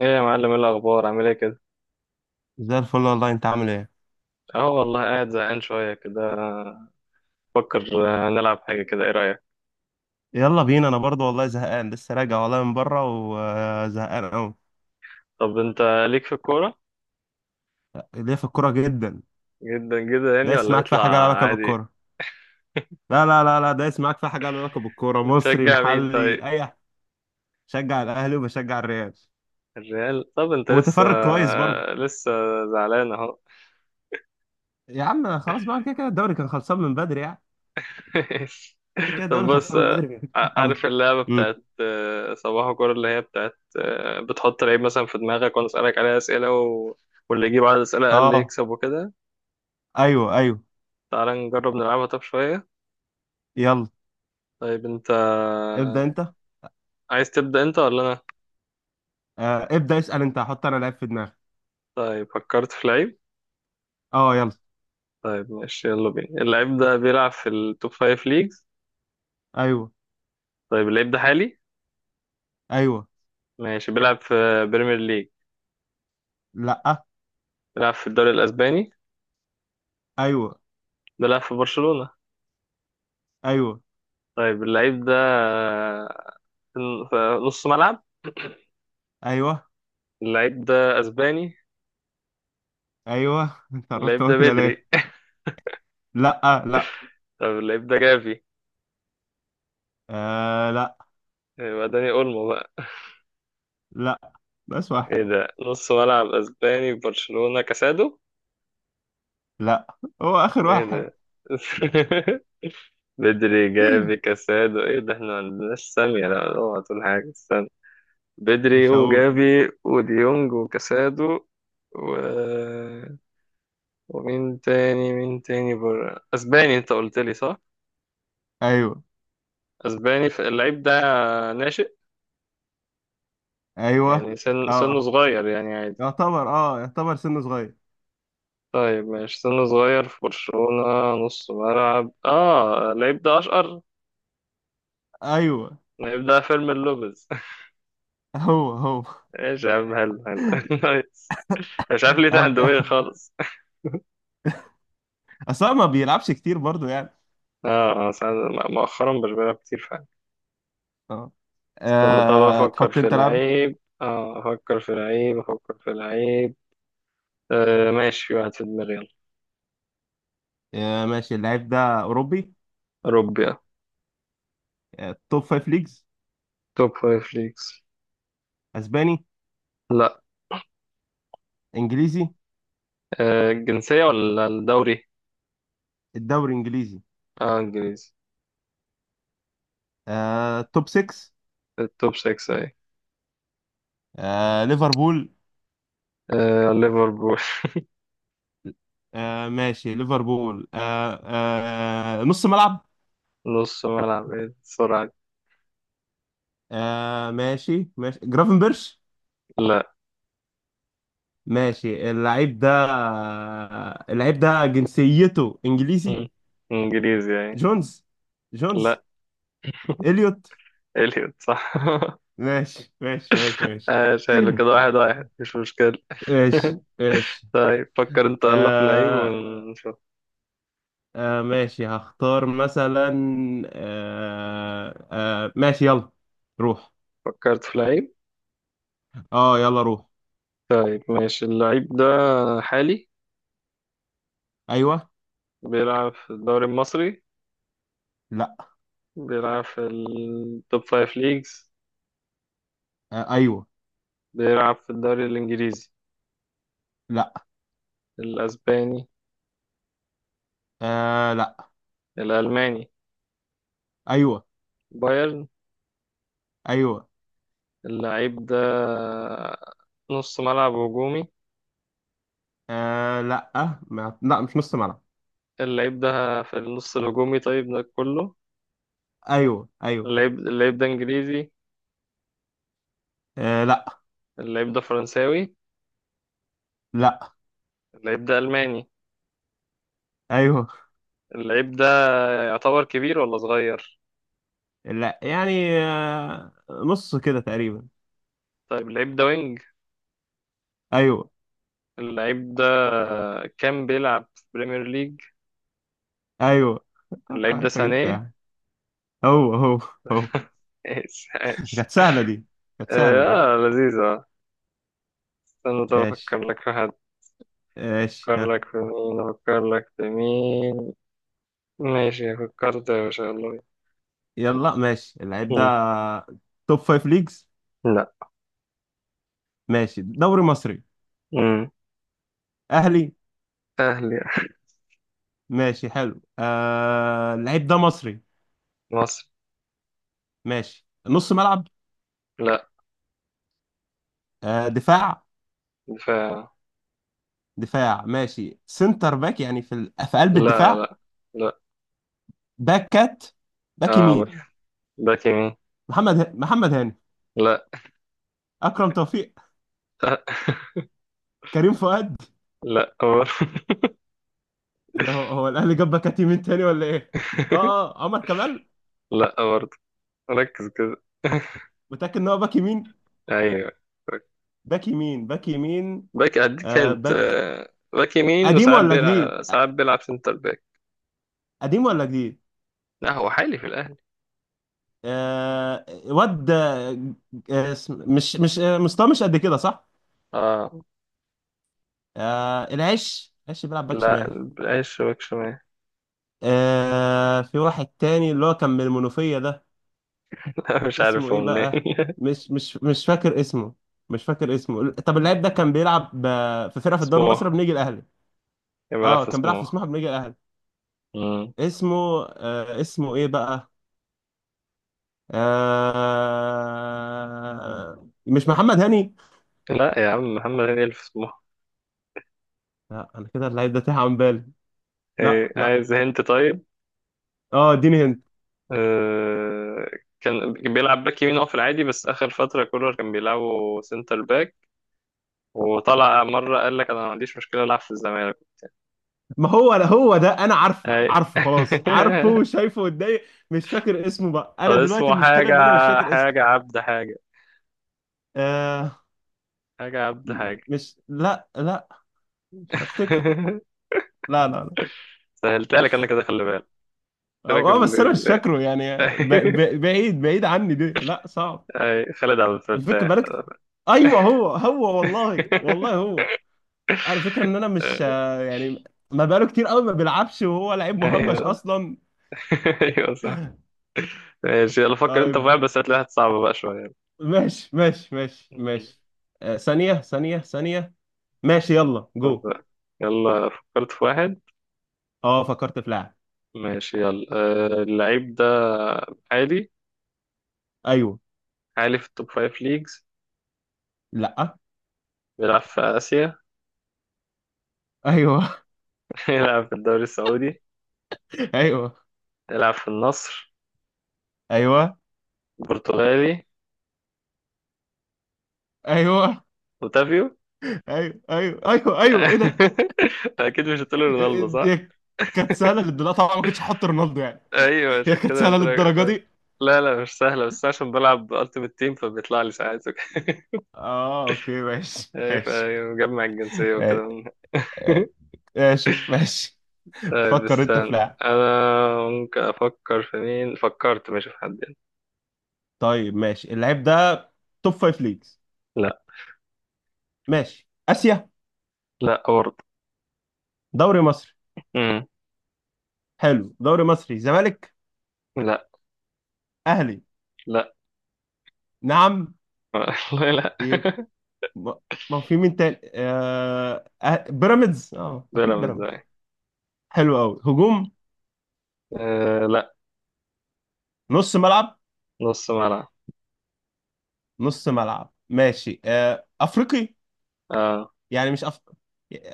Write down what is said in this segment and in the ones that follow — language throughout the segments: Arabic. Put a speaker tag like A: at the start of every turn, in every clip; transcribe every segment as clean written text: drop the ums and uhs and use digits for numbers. A: ايه يا معلم، ايه الاخبار؟ عامل ايه كده؟
B: زي الفل والله، انت عامل ايه؟
A: اهو والله، قاعد زهقان شويه كده، بفكر. نلعب حاجه كده، ايه رايك؟
B: يلا بينا، انا برضو والله زهقان، لسه راجع والله من بره وزهقان قوي.
A: طب انت، ليك في الكوره؟
B: ليه في الكوره جدا.
A: جدا جدا يعني،
B: دايس
A: ولا
B: معاك في
A: يطلع
B: حاجه لها علاقه
A: عادي؟
B: بالكوره. لا لا لا لا، دايس معاك في حاجه لها علاقه بالكوره، مصري
A: بتشجع مين طيب؟
B: محلي اي. شجع الاهلي وبشجع الريال.
A: الريال؟ طب انت لسه
B: ومتفرج كويس برضو.
A: لسه زعلان اهو.
B: يا عم خلاص بقى، كده كده الدوري كان خلصان من بدري يعني. كده كده
A: طب
B: الدوري
A: بص،
B: خلصان من بدري. مفيش حاجه أمل.
A: عارف اللعبه
B: امم.
A: بتاعت صباح الكوره اللي هي بتاعت بتحط لعيب مثلا في دماغك وانا اسالك عليها اسئله واللي يجيب عدد اسئله اقل
B: اه.
A: يكسب وكده.
B: ايوه ايوه.
A: تعال نجرب نلعبها طب شويه.
B: يلا.
A: طيب انت،
B: ابدا انت.
A: عايز تبدأ انت ولا انا؟
B: آه ابدا، اسال انت، هحط انا لعيب في دماغي.
A: طيب فكرت في لعيب.
B: اه يلا.
A: طيب ماشي، يلا بينا. اللعيب ده بيلعب في التوب فايف ليجز؟
B: ايوه.
A: طيب اللعيب ده حالي؟
B: ايوه.
A: ماشي. بيلعب في بريمير ليج؟
B: لا.
A: بيلعب في الدوري الاسباني؟
B: ايوه.
A: بيلعب في برشلونة؟
B: ايوه.
A: طيب اللعيب ده في في نص ملعب؟
B: ايوه.
A: اللعيب ده اسباني؟
B: ايوه. انت عرفت
A: اللعيب ده
B: هو كده ليه؟
A: بدري؟
B: لا لا.
A: طب اللعيب ده جافي؟
B: آه لا.
A: يبقى داني اولمو بقى؟
B: لا بس واحد.
A: ايه ده؟ نص ملعب اسباني في برشلونة، كاسادو؟
B: لا هو اخر
A: ايه
B: واحد.
A: ده؟ بدري، جافي، كاسادو، ايه ده؟ احنا ما عندناش سامية، لا اوعى تقول حاجة، استنى. بدري
B: مش هقول.
A: وجافي وديونج وكاسادو، و... ومين تاني، مين تاني بره اسباني؟ انت قلت لي صح؟
B: ايوه.
A: اسباني، فاللعيب ده ناشئ؟
B: ايوه.
A: يعني سنه
B: اه
A: صغير يعني، عادي.
B: يعتبر، اه يعتبر سنه صغير.
A: طيب ماشي، سنه صغير في برشلونة، نص ملعب. اه اللعيب ده اشقر؟
B: ايوه.
A: اللعيب ده فيرمين لوبيز؟
B: هو هو.
A: ايش يا عم، هلا هلا، نايس. مش عارف ليه تحت
B: هبدأ.
A: دماغي خالص.
B: اصل هو ما بيلعبش كتير برضو يعني.
A: اه، اه. ساعات مؤخرا مش بلعب كتير فعلا.
B: اه.
A: استنى، طب افكر
B: تحط
A: في
B: انت لاعب.
A: لعيب. اه افكر في لعيب، افكر في لعيب. آه ماشي، في واحد في دماغي، يلا.
B: آه ماشي، اللعيب ده اوروبي.
A: اوروبي؟ اه
B: آه توب فايف ليجز.
A: توب فايف ليجز؟
B: اسباني.
A: لا.
B: انجليزي.
A: الجنسية ولا الدوري؟
B: الدوري الانجليزي.
A: اه، انجليزي.
B: آه توب 6.
A: التوب 6 اهي؟
B: آه ليفربول.
A: آه ليفربول.
B: آه ماشي ليفربول آه. آه نص ملعب.
A: نص ملعب؟ ايه السرعة دي؟
B: آه ماشي ماشي جرافنبرش.
A: لا.
B: ماشي، اللعيب ده آه، اللعيب ده جنسيته انجليزي.
A: مم. انجليزي اهي.
B: جونز. جونز.
A: لا.
B: اليوت.
A: اليوت صح.
B: ماشي ماشي ماشي ماشي.
A: آه، شايله كده، واحد واحد مش مشكلة.
B: ماشي ماشي.
A: طيب فكر انت يلا في لعيب
B: آه.
A: ونشوف.
B: آه ماشي هختار مثلا. آه آه ماشي يلا. روح.
A: فكرت في لعيب.
B: اه يلا روح.
A: طيب ماشي، اللعيب ده حالي؟
B: ايوه.
A: بيلعب في الدوري المصري؟
B: لا.
A: بيلعب في التوب فايف ليجز؟
B: آه ايوه.
A: بيلعب في الدوري الإنجليزي؟
B: لا.
A: الأسباني؟
B: آه لا.
A: الألماني؟
B: ايوه.
A: بايرن؟
B: ايوه.
A: اللعيب ده نص ملعب هجومي؟
B: آه لا. ما... لا مش نص ملعب.
A: اللعيب ده في النص الهجومي طيب، ده كله؟
B: ايوه ايوه.
A: اللعيب ده إنجليزي؟
B: آه لا.
A: اللعيب ده فرنساوي؟
B: لا.
A: اللعيب ده ألماني؟
B: ايوه.
A: اللعيب ده يعتبر كبير ولا صغير؟
B: لا يعني، آه نص كده تقريبا.
A: طيب اللعيب ده وينج؟
B: ايوه.
A: اللعيب ده كان بيلعب في بريمير ليج؟
B: ايوه،
A: اللعيب
B: اتوقع
A: ده
B: انت جيت
A: سانيه؟
B: فيها. هو هو. هو.
A: إيش، إيش.
B: كانت سهله دي. كانت سهله دي.
A: آه لذيذة. استنى طب أفكر
B: ماشي
A: لك في حد.
B: ماشي
A: أفكر
B: ها.
A: لك في مين، أفكر لك في مين. ماشي فكرت يا باشا، يلا بينا.
B: يلا ماشي، اللعيب ده
A: مم.
B: توب فايف ليجز.
A: لا.
B: ماشي دوري مصري.
A: مم.
B: اهلي.
A: أهلي.
B: ماشي حلو، آه اللعيب ده مصري.
A: مصر.
B: ماشي نص ملعب.
A: لا.
B: آه دفاع.
A: دفاع.
B: دفاع ماشي سنتر باك، يعني في ال... في قلب
A: لا،
B: الدفاع.
A: لا، لا.
B: باكات. باك
A: آه
B: يمين.
A: برضه. باك يمين.
B: محمد هاني.
A: لا.
B: اكرم توفيق.
A: آه.
B: كريم فؤاد.
A: لا برضه.
B: إيه ده، هو الاهلي جاب باكات يمين تاني ولا ايه؟ اه اه عمر كمال.
A: لا برضه، ركز كده.
B: متاكد ان هو باك يمين؟
A: أيوه.
B: باك يمين باك يمين.
A: باك، أديك
B: آه
A: هنت،
B: باك.
A: باك يمين،
B: قديم
A: وساعات
B: ولا جديد؟
A: بيلعب ساعات بيلعب سنتر باك.
B: قديم ولا جديد.
A: لا، هو حالي في الأهلي.
B: آه واد آه. مش مش مستواه مش قد كده صح.
A: اه
B: آه العش، العش بيلعب باك
A: لا،
B: شمال.
A: العيش شبك شمال.
B: آه في واحد تاني اللي هو كان من المنوفية ده.
A: لا، مش
B: اسمه
A: عارف
B: ايه
A: هو
B: بقى؟
A: منين.
B: مش فاكر اسمه. مش فاكر اسمه. طب اللاعب ده كان بيلعب في فرقه في الدوري المصري
A: سموحة.
B: بنيجي الاهلي.
A: يبقى أنا
B: اه
A: في
B: كان بيلعب في
A: سموحة؟
B: سموحه بنيجي الاهلي.
A: مم.
B: اسمه آه، اسمه ايه بقى؟ آه مش محمد هاني.
A: لا يا عم، محمد هنيدي اللي في سموحة.
B: لا انا كده اللعيب ده تاه عن بالي. لا
A: إيه،
B: لا.
A: عايز هنت؟ طيب.
B: اه اديني هند.
A: آه، كان بيلعب باك يمين هو في العادي، بس آخر فترة كولر كان بيلعبه سنتر باك. وطلع مرة قال لك أنا ما عنديش مشكلة ألعب في الزمالك.
B: ما هو هو ده، انا عارفه،
A: أي.
B: عارفه خلاص، عارفه وشايفه قدامي. مش فاكر اسمه بقى،
A: طب
B: انا دلوقتي
A: اسمه
B: المشكله
A: حاجة،
B: ان انا مش فاكر اسمه.
A: حاجة عبد حاجة،
B: آه
A: حاجة عبد حاجة.
B: مش. لا لا مش هفتكر. لا لا لا.
A: سهلتها لك أنا كده، خلي بالك. قلت لك
B: اه بس انا مش فاكره يعني،
A: ال-
B: بعيد بعيد عني دي، لا صعب.
A: أي، خالد عبد
B: الفكره
A: الفتاح.
B: بالك. ايوه هو هو، والله والله هو. على فكره ان انا مش يعني ما بقاله كتير قوي ما بيلعبش، وهو لعيب مهمش
A: ايوه.
B: اصلا.
A: ايوه صح. ماشي، يلا فكر انت في
B: طيب.
A: واحد بس هتلاقيها صعبة بقى شوية.
B: ماشي ماشي ماشي ماشي. ثانيه ثانيه ثانيه. ماشي يلا جو.
A: طب يلا، فكرت في واحد.
B: اه فكرت في لاعب.
A: ماشي يلا، اللعيب ده عالي؟
B: ايوه.
A: عالي في التوب فايف ليجز؟
B: لا.
A: بيلعب في آسيا؟
B: ايوه.
A: يلعب في الدوري السعودي؟
B: ايوه.
A: يلعب في النصر؟
B: ايوه.
A: برتغالي؟
B: ايوه.
A: اوتافيو؟
B: ايوه. ايوه. ايوه. ايوه ايه ده.
A: اكيد مش هتقول رونالدو.
B: هي كانت سهله للدرجه، طبعا ما كنتش هحط رونالدو يعني.
A: ايوه،
B: هي
A: عشان
B: كانت
A: كده
B: سهله
A: قلت لك
B: للدرجه
A: طب.
B: دي.
A: لا لا، مش سهله، بس عشان بلعب التيمت تيم فبيطلع لي ساعات وكده.
B: اه اوكي ماشي
A: ايه،
B: ماشي.
A: فمجمع الجنسيه
B: ماشي.
A: وكده.
B: ماشي ماشي.
A: طيب
B: فكر انت في
A: استنى.
B: لاعب.
A: انا ممكن افكر في مين؟ فكرت ماشي في حد يعني.
B: طيب ماشي، اللعيب ده توب فايف ليجز.
A: لا.
B: ماشي اسيا.
A: لا برضه.
B: دوري مصري.
A: امم
B: حلو دوري مصري زمالك.
A: لا.
B: اهلي.
A: لا.
B: نعم.
A: والله لا.
B: يبقى. ما. ما في مين تاني؟ بيراميدز، اه اكيد
A: بيراميدز أهي.
B: بيراميدز. حلو قوي. هجوم.
A: أه لا.
B: نص ملعب.
A: نص ملعب؟
B: نص ملعب ماشي، آه افريقي.
A: أه
B: يعني مش أف...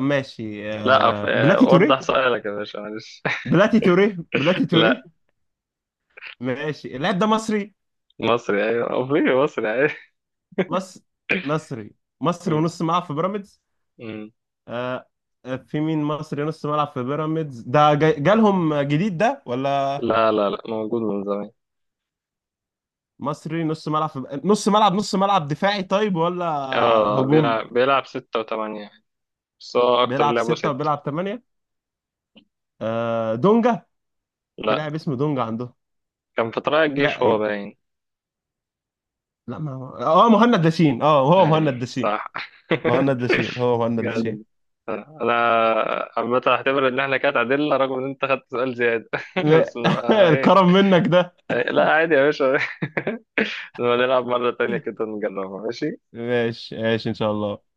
B: ماشي،
A: لا. أف...
B: آه
A: آه،
B: بلاتي
A: وضح
B: توريه.
A: سؤالك يا باشا، معلش.
B: بلاتي توريه. بلاتي
A: لا.
B: توريه. ماشي اللاعب ده مصري.
A: مصري، ايوه، افريقي، مصري، ايوه.
B: مصر. مصري. مصري
A: أمم،
B: ونص ملعب في بيراميدز.
A: أمم.
B: آه. في مين مصري نص ملعب في بيراميدز ده، جالهم جديد ده ولا؟
A: لا، لا، لا، موجود من زمان.
B: مصري نص ملعب في، نص ملعب، نص ملعب دفاعي طيب ولا
A: اه،
B: هجوم؟
A: بيلعب ستة وثمانية، بس هو أكتر
B: بيلعب
A: لعبه
B: ستة
A: ستة.
B: وبيلعب ثمانية. آه دونجا. في
A: لا،
B: لاعب اسمه دونجا عنده.
A: كان في طلائع
B: في لاعب
A: الجيش هو
B: ايه؟
A: باين.
B: لا ما هو. اه مهند لاشين، اه هو مهند
A: أي
B: لاشين.
A: صح.
B: مهند لاشين هو مهند
A: جامد
B: لاشين.
A: جامد. أنا عامة هعتبر إن إحنا كده تعادلنا، رغم إن أنت خدت سؤال زيادة. بس نبقى إيه.
B: الكرم منك ده.
A: إيه، لا عادي يا باشا. نبقى نلعب مرة تانية كده نجربها، ماشي.
B: ماشي ماشي ان شاء الله.